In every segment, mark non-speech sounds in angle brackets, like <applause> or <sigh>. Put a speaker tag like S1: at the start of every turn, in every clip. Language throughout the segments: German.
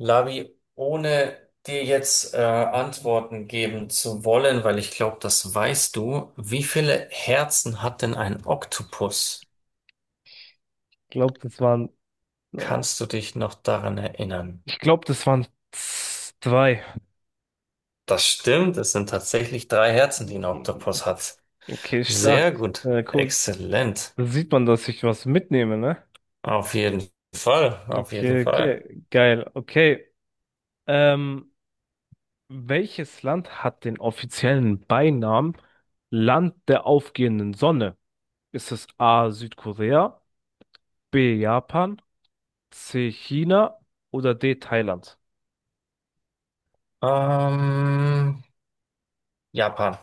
S1: Labi, ohne dir jetzt Antworten geben zu wollen, weil ich glaube, das weißt du: Wie viele Herzen hat denn ein Oktopus?
S2: glaube, das waren, oh,
S1: Kannst du dich noch daran erinnern?
S2: ich glaube, das waren zwei.
S1: Das stimmt, es sind tatsächlich drei Herzen, die ein Oktopus hat.
S2: Okay,
S1: Sehr
S2: stark.
S1: gut,
S2: Cool.
S1: exzellent.
S2: Da sieht man, dass ich was mitnehme, ne?
S1: Auf jeden Fall, auf jeden
S2: Okay,
S1: Fall.
S2: okay, geil. Okay. Ähm, Welches Land hat den offiziellen Beinamen Land der aufgehenden Sonne? Ist es A. Südkorea, B. Japan, C. China oder D. Thailand?
S1: Ähm, Japan,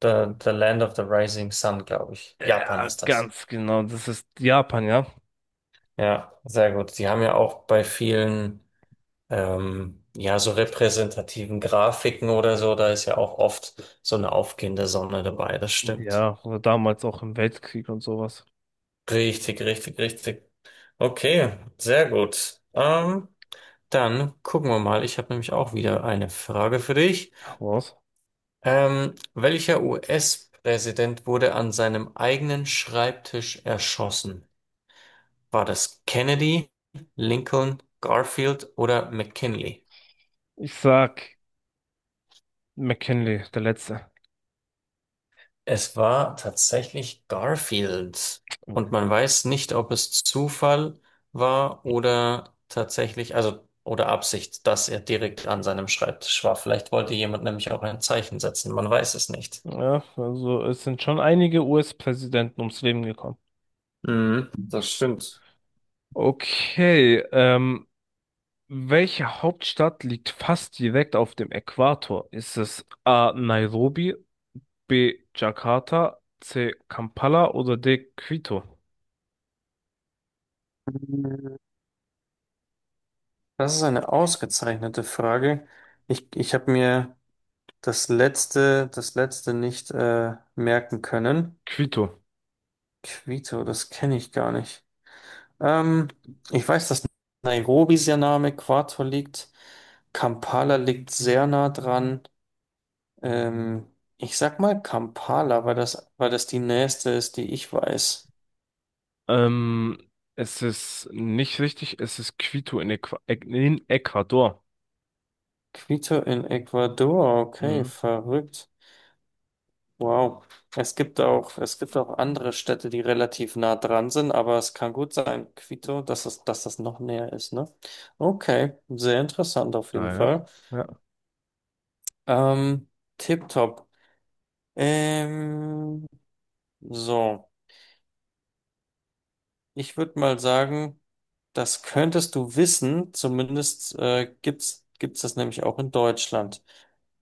S1: the Land of the Rising Sun, glaube ich. Japan
S2: Ja,
S1: ist das.
S2: ganz genau. Das ist Japan, ja.
S1: Ja, sehr gut. Die haben ja auch bei vielen. Ja, so repräsentativen Grafiken oder so, da ist ja auch oft so eine aufgehende Sonne dabei, das stimmt.
S2: Ja, oder damals auch im Weltkrieg und sowas.
S1: Richtig, richtig, richtig. Okay, sehr gut. Dann gucken wir mal. Ich habe nämlich auch wieder eine Frage für dich.
S2: Raus.
S1: Welcher US-Präsident wurde an seinem eigenen Schreibtisch erschossen? War das Kennedy, Lincoln, Garfield oder McKinley?
S2: Ich sag McKinley, der Letzte.
S1: Es war tatsächlich Garfield. Und man weiß nicht, ob es Zufall war oder tatsächlich, also, oder Absicht, dass er direkt an seinem Schreibtisch war. Vielleicht wollte jemand nämlich auch ein Zeichen setzen. Man weiß es nicht.
S2: Ja, also es sind schon einige US-Präsidenten ums Leben gekommen.
S1: Mhm, das stimmt.
S2: Okay, welche Hauptstadt liegt fast direkt auf dem Äquator? Ist es A. Nairobi, B. Jakarta, C. Kampala oder D. Quito?
S1: Das ist eine ausgezeichnete Frage. Ich habe mir das letzte nicht merken können.
S2: Quito.
S1: Quito, das kenne ich gar nicht. Ähm, Ich weiß, dass Nairobi sehr nah am Äquator liegt. Kampala liegt sehr nah dran. Ähm, Ich sag mal Kampala, weil das die nächste ist, die ich weiß.
S2: Ähm, Es ist nicht richtig, es ist Quito in Ecuador.
S1: Quito in Ecuador, okay,
S2: Mhm.
S1: verrückt. Wow. Es gibt auch andere Städte, die relativ nah dran sind, aber es kann gut sein, Quito, dass das noch näher ist, ne? Okay, sehr interessant auf jeden
S2: Naja.
S1: Fall.
S2: Ja.
S1: Ähm, Tipptopp. Ähm, So, ich würde mal sagen, das könntest du wissen, zumindest gibt's das nämlich auch in Deutschland.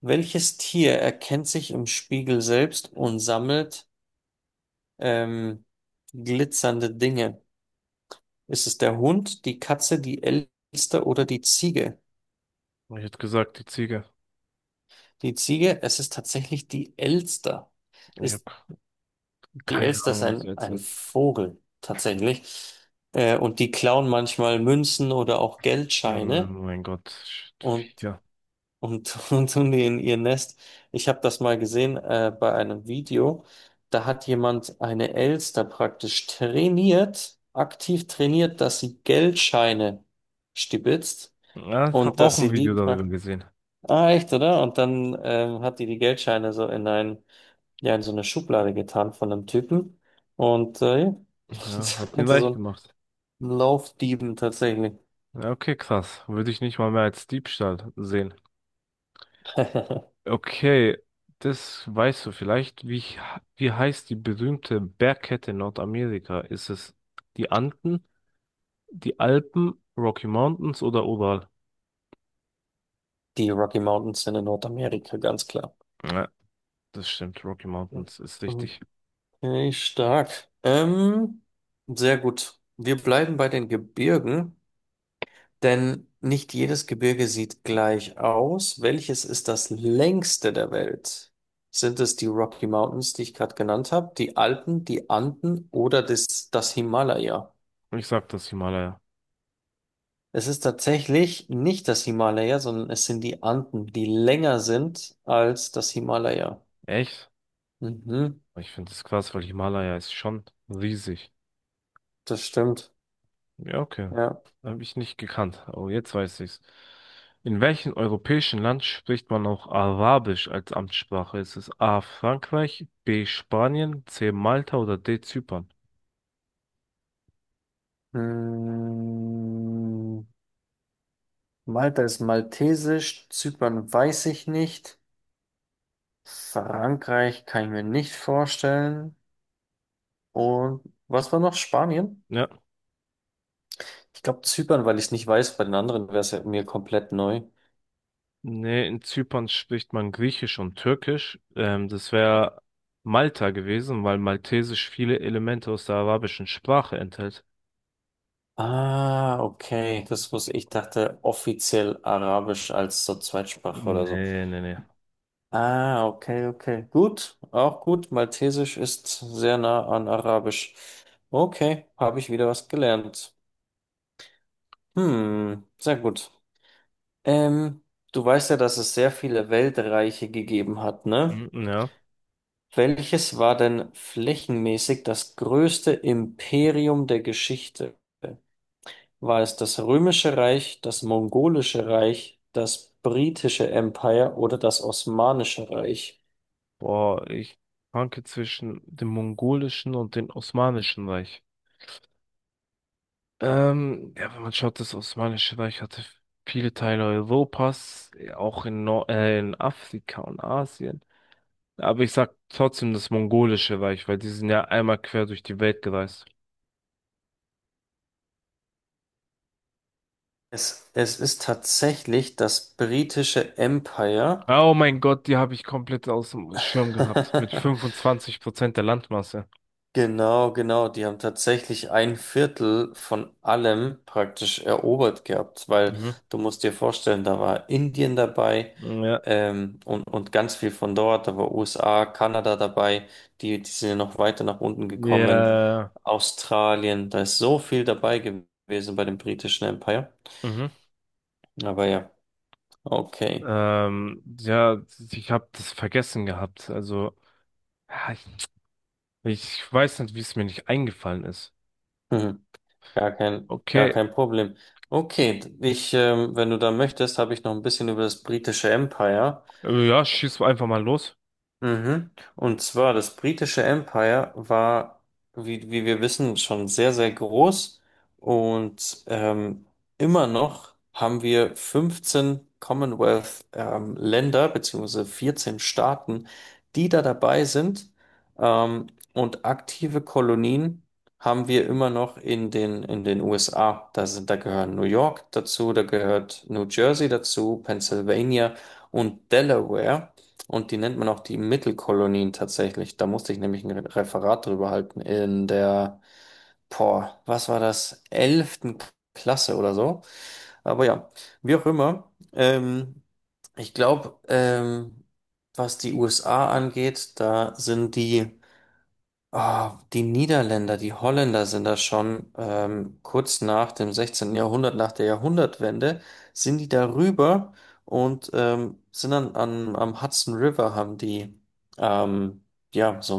S1: Welches Tier erkennt sich im Spiegel selbst und sammelt ähm, glitzernde Dinge? Ist es der Hund, die Katze, die Elster oder die Ziege?
S2: Ja. Ich hätte gesagt, die Ziege.
S1: Die Ziege, es ist tatsächlich die Elster.
S2: Ich
S1: Ist,
S2: hab
S1: die
S2: Keine
S1: Elster ist
S2: Ahnung, was
S1: ein,
S2: du jetzt
S1: ein
S2: sagst.
S1: Vogel tatsächlich. Und die klauen manchmal Münzen oder auch Geldscheine.
S2: Mein Gott.
S1: Und
S2: Ja.
S1: und, <laughs> und tun die in ihr Nest. Ich habe das mal gesehen bei einem Video. Da hat jemand eine Elster praktisch trainiert, aktiv trainiert, dass sie Geldscheine stibitzt
S2: Ja,
S1: und
S2: hab auch
S1: dass
S2: ein
S1: sie die
S2: Video darüber
S1: praktisch.
S2: gesehen.
S1: Ah, echt, oder? Und dann hat die die Geldscheine so in ein, ja, in so eine Schublade getan von einem Typen. Und ja, <laughs>
S2: Ja,
S1: sie
S2: hab den
S1: hatte so
S2: weich
S1: einen
S2: gemacht.
S1: Laufdieben tatsächlich.
S2: Ja, okay, krass. Würde ich nicht mal mehr als Diebstahl sehen.
S1: <laughs>
S2: Okay, das weißt du vielleicht. Wie heißt die berühmte Bergkette in Nordamerika? Ist es die Anden, die Alpen, Rocky Mountains oder Ural?
S1: Die Rocky Mountains sind in Nordamerika, ganz klar.
S2: Ja, das stimmt. Rocky
S1: Ja.
S2: Mountains ist richtig.
S1: Okay, stark. Sehr gut. Wir bleiben bei den Gebirgen, denn nicht jedes Gebirge sieht gleich aus. Welches ist das längste der Welt? Sind es die Rocky Mountains, die ich gerade genannt habe, die Alpen, die Anden oder das Himalaya?
S2: Ich sag das Himalaya.
S1: Es ist tatsächlich nicht das Himalaya, sondern es sind die Anden, die länger sind als das Himalaya.
S2: Echt?
S1: Mhm,
S2: Ich finde das krass, weil Himalaya ist schon riesig.
S1: das stimmt.
S2: Ja, okay.
S1: Ja.
S2: Habe ich nicht gekannt, aber jetzt weiß ich's. In welchem europäischen Land spricht man auch Arabisch als Amtssprache? Ist es A. Frankreich, B. Spanien, C. Malta oder D. Zypern?
S1: Hm. Malta ist maltesisch, Zypern weiß ich nicht, Frankreich kann ich mir nicht vorstellen. Und was war noch? Spanien?
S2: Ja.
S1: Ich glaube Zypern, weil ich es nicht weiß, bei den anderen wäre es ja mir komplett neu.
S2: Nee, in Zypern spricht man Griechisch und Türkisch. Das wäre Malta gewesen, weil Maltesisch viele Elemente aus der arabischen Sprache enthält.
S1: Ah, okay. Das muss, ich dachte offiziell Arabisch als so Zweitsprache oder so.
S2: Nee, nee, nee.
S1: Ah, okay, okay. Gut, auch gut. Maltesisch ist sehr nah an Arabisch. Okay, habe ich wieder was gelernt. Hm, sehr gut. Ähm, Du weißt ja, dass es sehr viele Weltreiche gegeben hat, ne?
S2: Mm, ja.
S1: Welches war denn flächenmäßig das größte Imperium der Geschichte? War es das Römische Reich, das Mongolische Reich, das britische Empire oder das Osmanische Reich?
S2: Boah, ich schwanke zwischen dem mongolischen und dem osmanischen Reich. Ja, wenn man schaut, das Osmanische Reich hatte viele Teile Europas, auch in, Nor in Afrika und Asien. Aber ich sag trotzdem das Mongolische Reich, weil die sind ja einmal quer durch die Welt gereist.
S1: Es ist tatsächlich das britische Empire.
S2: Ah, oh mein Gott, die habe ich komplett aus dem Schirm gehabt. Mit
S1: <laughs>
S2: 25% der Landmasse.
S1: Genau, genau. Die haben tatsächlich ein Viertel von allem praktisch erobert gehabt, weil
S2: Mhm.
S1: du musst dir vorstellen, da war Indien dabei,
S2: Ja.
S1: und ganz viel von dort, da war USA, Kanada dabei, die, die sind ja noch weiter nach unten gekommen,
S2: Ja.
S1: Australien, da ist so viel dabei gewesen bei dem britischen Empire.
S2: Mhm.
S1: Aber ja, okay.
S2: Ja, ich habe das vergessen gehabt. Also, ja, ich weiß nicht, wie es mir nicht eingefallen ist.
S1: Mhm. Gar kein, gar
S2: Okay,
S1: kein Problem. Okay, ich, wenn du da möchtest, habe ich noch ein bisschen über das britische Empire.
S2: Ja, schieß einfach mal los.
S1: Mhm. Und zwar das britische Empire war, wie wir wissen, schon sehr, sehr groß und immer noch haben wir 15 Commonwealth Länder beziehungsweise 14 Staaten, die da dabei sind ähm, und aktive Kolonien haben wir immer noch in den USA. Da sind, da gehören New York dazu, da gehört New Jersey dazu, Pennsylvania und Delaware. Und die nennt man auch die Mittelkolonien tatsächlich. Da musste ich nämlich ein Referat drüber halten in der, boah, was war das, elften Klasse oder so. Aber ja, wie auch immer. Ich glaube, was die USA angeht, da sind die. Ah, die Niederländer, die Holländer sind da schon kurz nach dem 16. Jahrhundert, nach der Jahrhundertwende, sind die darüber und sind dann an, am Hudson River, haben die ähm, ja so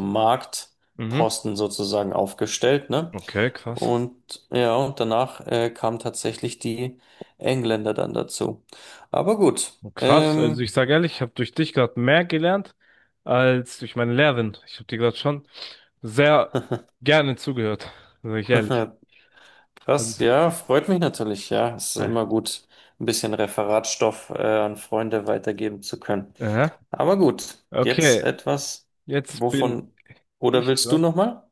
S2: Mhm.
S1: Marktposten sozusagen aufgestellt, ne?
S2: Okay, krass.
S1: Und ja, und danach kamen tatsächlich die Engländer dann dazu. Aber gut,
S2: Krass. Also
S1: ähm,
S2: ich sage ehrlich, ich habe durch dich gerade mehr gelernt als durch meine Lehrerin. Ich habe dir gerade schon sehr gerne zugehört, sage ich ehrlich.
S1: <laughs> krass,
S2: Also,
S1: ja, freut mich natürlich. Ja, ist
S2: ah,
S1: immer gut, ein bisschen Referatstoff an Freunde weitergeben zu können.
S2: aha.
S1: Aber gut, jetzt
S2: Okay,
S1: etwas,
S2: jetzt bin
S1: wovon, oder
S2: ich
S1: willst du
S2: dran.
S1: nochmal?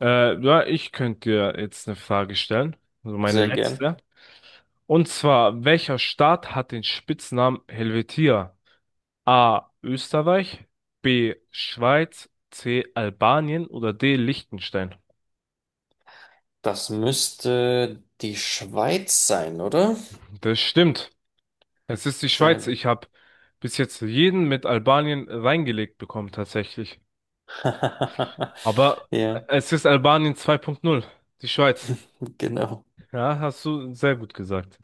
S2: Ja, ich könnte dir jetzt eine Frage stellen, also meine
S1: Sehr gern.
S2: letzte. Und zwar, welcher Staat hat den Spitznamen Helvetia? A. Österreich, B. Schweiz, C. Albanien oder D. Liechtenstein.
S1: Das müsste die Schweiz sein, oder?
S2: Das stimmt. Es ist die
S1: Sehr
S2: Schweiz.
S1: gut.
S2: Ich habe bis jetzt jeden mit Albanien reingelegt bekommen, tatsächlich.
S1: <laughs>
S2: Aber
S1: Ja,
S2: es ist Albanien 2.0, die Schweiz.
S1: genau.
S2: Ja, hast du sehr gut gesagt.